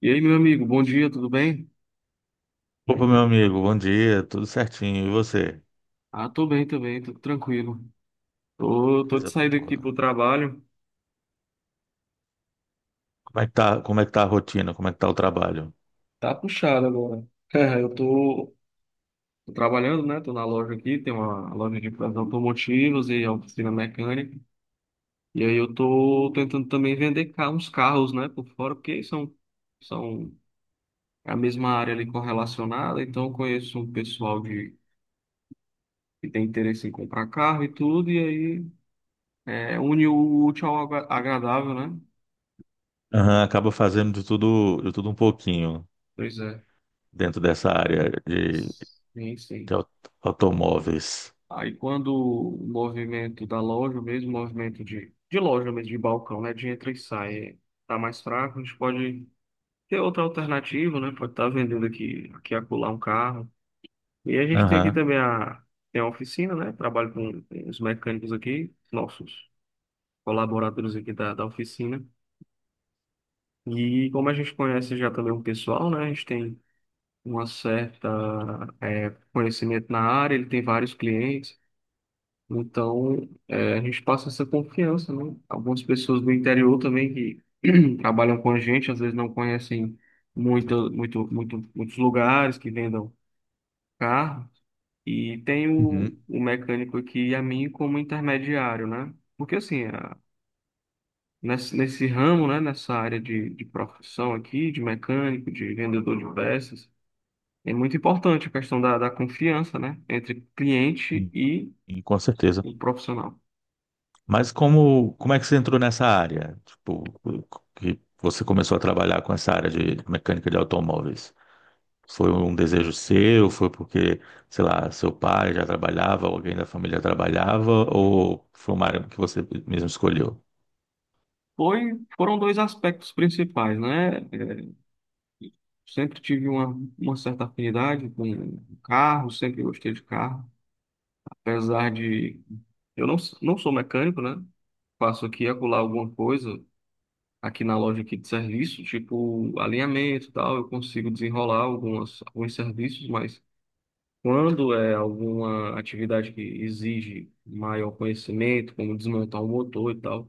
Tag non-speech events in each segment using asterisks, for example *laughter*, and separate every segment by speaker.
Speaker 1: E aí, meu amigo, bom dia, tudo bem?
Speaker 2: Opa, meu amigo, bom dia, tudo certinho. E você?
Speaker 1: Ah, tô bem também, tô tranquilo. Tô de
Speaker 2: Coisa
Speaker 1: saída aqui
Speaker 2: boa.
Speaker 1: pro trabalho.
Speaker 2: Como é que tá a rotina? Como é que tá o trabalho?
Speaker 1: Tá puxado agora. *laughs* É, Eu tô, tô trabalhando, né? Tô na loja aqui, tem uma loja de peças automotivas e oficina mecânica. E aí eu tô tentando também vender uns carros, né, por fora, porque são a mesma área ali correlacionada, então eu conheço um pessoal de, que tem interesse em comprar carro e tudo, e aí é, une o útil ao agradável, né?
Speaker 2: Aham, acaba fazendo de tudo um pouquinho
Speaker 1: Pois é.
Speaker 2: dentro dessa área de,
Speaker 1: Sim,
Speaker 2: de
Speaker 1: sim.
Speaker 2: au- automóveis.
Speaker 1: Aí quando o movimento da loja, o mesmo movimento de loja mesmo, de balcão, né? De entra e sai, tá mais fraco, a gente pode ter outra alternativa, né? Pode estar vendendo aqui, aqui e acolá um carro. E a gente tem aqui
Speaker 2: Aham.
Speaker 1: também a, tem a oficina, né? Trabalho com os mecânicos aqui, nossos colaboradores aqui da oficina. E como a gente conhece já também o pessoal, né? A gente tem uma certa, conhecimento na área, ele tem vários clientes. Então, é, a gente passa essa confiança, né? Algumas pessoas do interior também que *clears throat* trabalham com a gente, às vezes não conhecem muito, muito, muito, muitos lugares que vendam carro. E tem
Speaker 2: Uhum.
Speaker 1: o mecânico aqui e a mim como intermediário, né? Porque assim, nesse ramo, né? Nessa área de profissão aqui, de mecânico, de vendedor de peças, é muito importante a questão da confiança, né? Entre cliente
Speaker 2: Sim,
Speaker 1: e
Speaker 2: sim, com certeza.
Speaker 1: o profissional.
Speaker 2: Mas como é que você entrou nessa área? Tipo, que você começou a trabalhar com essa área de mecânica de automóveis? Foi um desejo seu? Foi porque, sei lá, seu pai já trabalhava, alguém da família trabalhava, ou foi uma área que você mesmo escolheu?
Speaker 1: Foi, foram dois aspectos principais, né? É, sempre tive uma certa afinidade com carro, sempre gostei de carro, apesar de eu não, não sou mecânico, né? Faço aqui e acolá alguma coisa aqui na loja aqui de serviço, tipo alinhamento e tal, eu consigo desenrolar algumas, alguns serviços, mas quando é alguma atividade que exige maior conhecimento, como desmontar um motor e tal,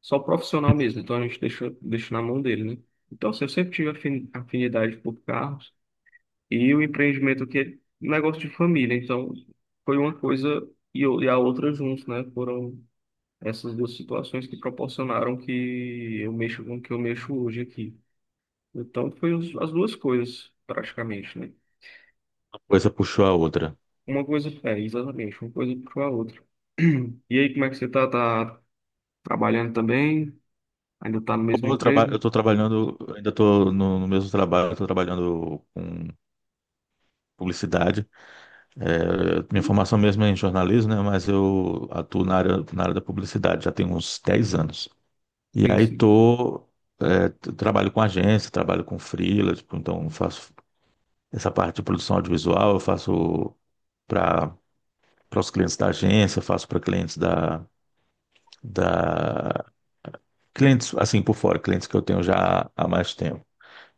Speaker 1: só o profissional mesmo, então a gente deixa na mão dele, né? Então, assim, eu sempre tive afinidade por carros e o empreendimento que é um negócio de família, então foi uma coisa e a outra juntos, né? Foram essas duas situações que proporcionaram que eu mexo com o que eu mexo hoje aqui. Então, foi as duas coisas, praticamente, né?
Speaker 2: Uma coisa puxou a outra.
Speaker 1: Uma coisa, é, exatamente, uma coisa puxou a outra. *clears throat* E aí, como é que você tá? Tá trabalhando também? Ainda tá no mesmo
Speaker 2: Ou, eu
Speaker 1: emprego?
Speaker 2: estou trabalhando, ainda estou no mesmo trabalho, estou trabalhando com publicidade. É, minha formação mesmo é em jornalismo, né? Mas eu atuo na área da publicidade já tem uns 10 anos. E
Speaker 1: Sim,
Speaker 2: aí
Speaker 1: sim.
Speaker 2: tô, é, trabalho com agência, trabalho com freela, tipo, então faço essa parte de produção audiovisual. Eu faço para para os clientes da agência, eu faço para clientes da. Clientes, assim, por fora, clientes que eu tenho já há mais tempo.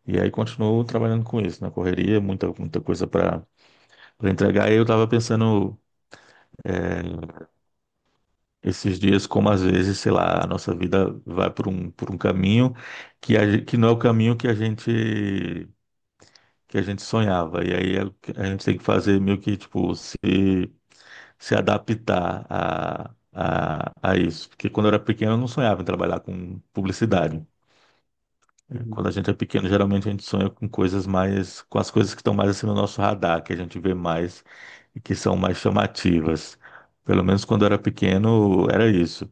Speaker 2: E aí continuo trabalhando com isso, na correria, muita, muita coisa para entregar. E eu estava pensando é, esses dias como às vezes, sei lá, a nossa vida vai por um caminho que que não é o caminho que a gente sonhava. E aí a gente tem que fazer meio que tipo se adaptar a isso. Porque quando eu era pequeno, eu não sonhava em trabalhar com publicidade. É,
Speaker 1: Uhum.
Speaker 2: quando a gente é pequeno, geralmente a gente sonha com coisas mais, com as coisas que estão mais assim no nosso radar, que a gente vê mais e que são mais chamativas. Pelo menos quando eu era pequeno, era isso.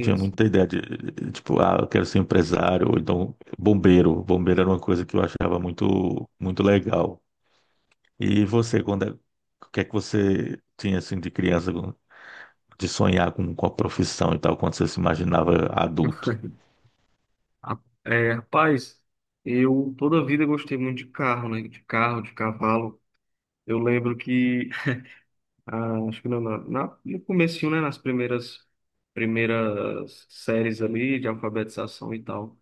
Speaker 2: Tinha
Speaker 1: sim.
Speaker 2: muita ideia de, tipo, ah, eu quero ser empresário, ou então bombeiro. Bombeiro era uma coisa que eu achava muito, muito legal. E você, o que é que você tinha assim de criança? De sonhar com a profissão e tal, quando você se imaginava adulto.
Speaker 1: *laughs* É, rapaz, eu toda a vida gostei muito de carro, né? De carro, de cavalo. Eu lembro que, *laughs* ah, acho que no comecinho, né? Nas primeiras séries ali de alfabetização e tal.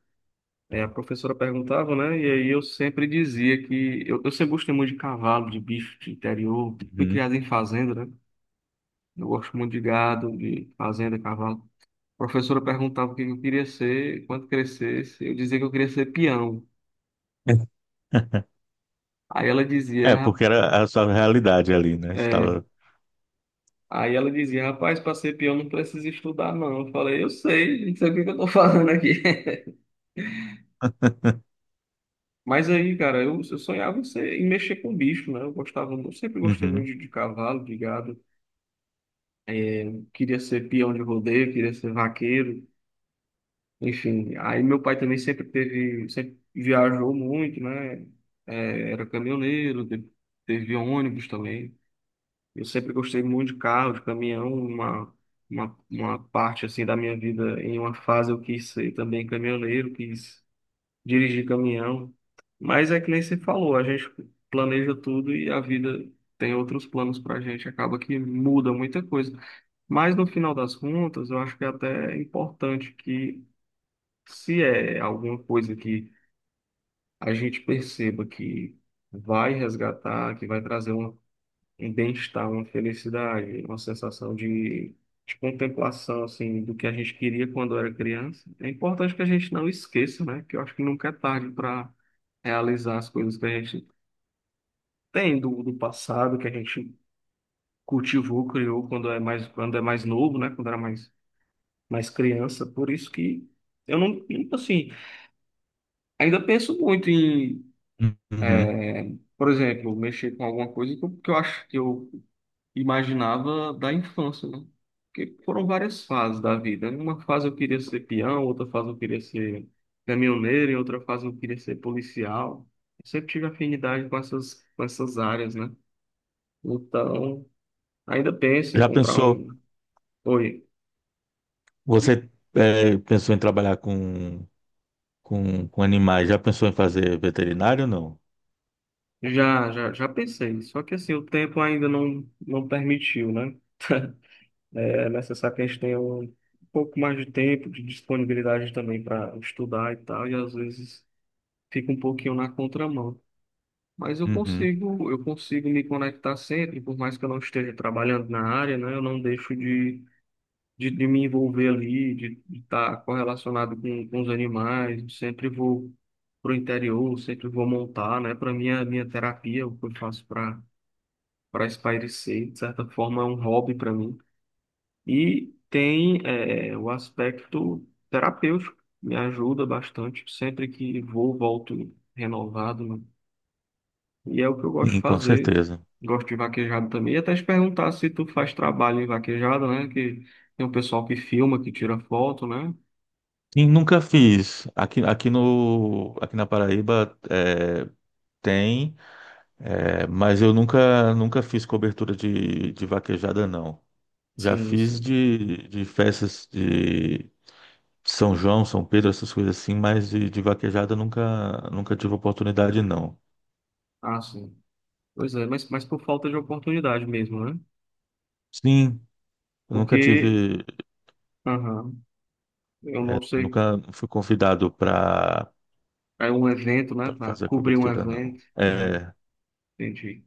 Speaker 1: É, a professora perguntava, né? E aí eu sempre dizia que... eu sempre gostei muito de cavalo, de bicho, de interior. Fui
Speaker 2: Uhum.
Speaker 1: criado em fazenda, né? Eu gosto muito de gado, de fazenda, cavalo. A professora perguntava o que eu queria ser quando crescesse. Eu dizia que eu queria ser peão.
Speaker 2: *laughs*
Speaker 1: Aí ela dizia,
Speaker 2: É, porque era a sua realidade ali, né? Você
Speaker 1: É,
Speaker 2: estava.
Speaker 1: aí ela dizia, rapaz, para ser peão não precisa estudar, não. Eu falei, eu sei, não sei o que que eu tô falando aqui. *laughs*
Speaker 2: *laughs*
Speaker 1: Mas aí, cara, eu sonhava em ser, em mexer com bicho, né? Eu gostava, eu sempre gostei muito
Speaker 2: Uhum,
Speaker 1: de cavalo, de gado. Queria ser peão de rodeio, queria ser vaqueiro, enfim. Aí meu pai também sempre teve, sempre viajou muito, né? É, era caminhoneiro, teve ônibus também. Eu sempre gostei muito de carro, de caminhão, uma parte assim da minha vida, em uma fase eu quis ser também caminhoneiro, quis dirigir caminhão. Mas é que nem você falou, a gente planeja tudo e a vida tem outros planos pra gente, acaba que muda muita coisa. Mas no final das contas, eu acho que é até importante que se é alguma coisa que a gente perceba que vai resgatar, que vai trazer um bem-estar, uma felicidade, uma sensação de contemplação, assim, do que a gente queria quando era criança. É importante que a gente não esqueça, né? Que eu acho que nunca é tarde para realizar as coisas que a gente tem do passado, que a gente cultivou, criou quando é mais novo, né? Quando era mais, mais criança. Por isso que eu não, nunca, assim, ainda penso muito em,
Speaker 2: uhum.
Speaker 1: eh, por exemplo, mexer com alguma coisa que eu acho que eu imaginava da infância, né? Porque foram várias fases da vida. Em uma fase eu queria ser peão, outra fase eu queria ser caminhoneiro, em outra fase eu queria ser policial. Eu sempre tive afinidade com com essas áreas, né? Então, ainda penso em
Speaker 2: Já
Speaker 1: comprar
Speaker 2: pensou,
Speaker 1: um. Oi,
Speaker 2: você, pensou em trabalhar com animais, já pensou em fazer veterinário ou não?
Speaker 1: já pensei. Só que assim, o tempo ainda não permitiu, né? É necessário que a gente tenha um pouco mais de tempo, de disponibilidade também para estudar e tal, e às vezes fica um pouquinho na contramão. Mas
Speaker 2: Uhum.
Speaker 1: eu consigo me conectar sempre, por mais que eu não esteja trabalhando na área, né? Eu não deixo de me envolver ali, de estar correlacionado com os animais. Eu sempre vou para o interior, sempre vou montar, né? Para mim, a minha terapia, o que eu faço para espairecer, de certa forma, é um hobby para mim. E tem o aspecto terapêutico, me ajuda bastante. Sempre que vou, volto renovado, né. E é o que eu gosto de
Speaker 2: Sim, com
Speaker 1: fazer.
Speaker 2: certeza.
Speaker 1: Gosto de vaquejada também. E até te perguntar se tu faz trabalho em vaquejada, né? Que tem um pessoal que filma, que tira foto, né?
Speaker 2: Sim, nunca fiz. Aqui, aqui, no, aqui na Paraíba tem, mas eu nunca fiz cobertura de vaquejada, não. Já
Speaker 1: Sim,
Speaker 2: fiz
Speaker 1: sim.
Speaker 2: de festas de São João, São Pedro, essas coisas assim, mas de vaquejada nunca tive oportunidade, não.
Speaker 1: Ah, sim. Pois é, mas por falta de oportunidade mesmo, né?
Speaker 2: Sim, eu nunca
Speaker 1: Porque,
Speaker 2: tive,
Speaker 1: aham, eu não sei,
Speaker 2: nunca fui convidado para
Speaker 1: é um evento, né? Para
Speaker 2: fazer a
Speaker 1: cobrir um
Speaker 2: cobertura, não.
Speaker 1: evento. Uhum,
Speaker 2: É,
Speaker 1: entendi.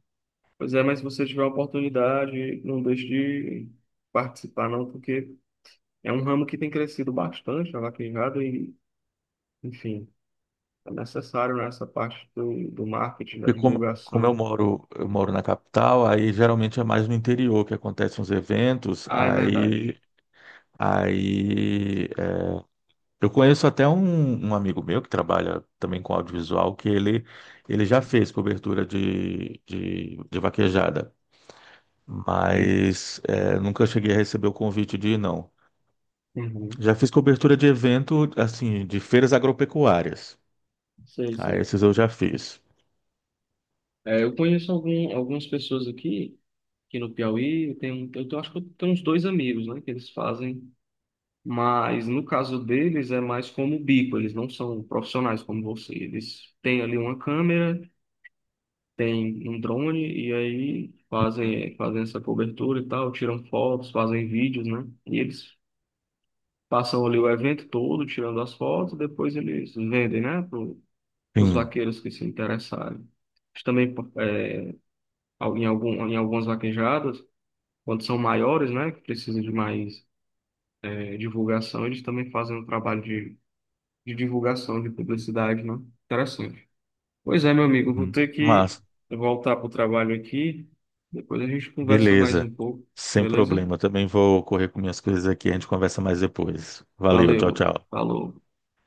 Speaker 1: Pois é, mas se você tiver a oportunidade, não deixe de participar, não, porque é um ramo que tem crescido bastante, a vaquejada, e, enfim. É necessário nessa parte do marketing, da
Speaker 2: porque como eu
Speaker 1: divulgação.
Speaker 2: moro, eu moro na capital, aí geralmente é mais no interior que acontecem os eventos,
Speaker 1: Ah, é verdade.
Speaker 2: aí eu conheço até um amigo meu que trabalha também com audiovisual, que ele já fez cobertura de vaquejada,
Speaker 1: Sim.
Speaker 2: mas nunca cheguei a receber o convite de ir, não.
Speaker 1: Uhum.
Speaker 2: Já fiz cobertura de evento, assim, de feiras agropecuárias.
Speaker 1: Sei,
Speaker 2: Ah,
Speaker 1: sei.
Speaker 2: esses eu já fiz.
Speaker 1: É, eu conheço algumas pessoas aqui, aqui no Piauí. Eu tenho acho que eu tenho uns dois amigos, né, que eles fazem. Mas no caso deles é mais como bico, eles não são profissionais como você. Eles têm ali uma câmera, têm um drone e aí
Speaker 2: Hum.
Speaker 1: fazem, é, fazem essa cobertura e tal, tiram fotos, fazem vídeos, né? E eles passam ali o evento todo, tirando as fotos, depois eles vendem, né, para os
Speaker 2: Sim.
Speaker 1: vaqueiros que se interessarem. Eles também é, em algumas vaquejadas, quando são maiores, né, que precisam de mais é, divulgação, eles também fazem um trabalho de divulgação, de publicidade, né? Interessante. Pois é, meu amigo, vou
Speaker 2: Uhum.
Speaker 1: ter que
Speaker 2: Mas,
Speaker 1: voltar para o trabalho aqui. Depois a gente conversa mais
Speaker 2: beleza.
Speaker 1: um pouco,
Speaker 2: Sem
Speaker 1: beleza?
Speaker 2: problema. Também vou correr com minhas coisas aqui. A gente conversa mais depois. Valeu, tchau,
Speaker 1: Valeu,
Speaker 2: tchau.
Speaker 1: falou.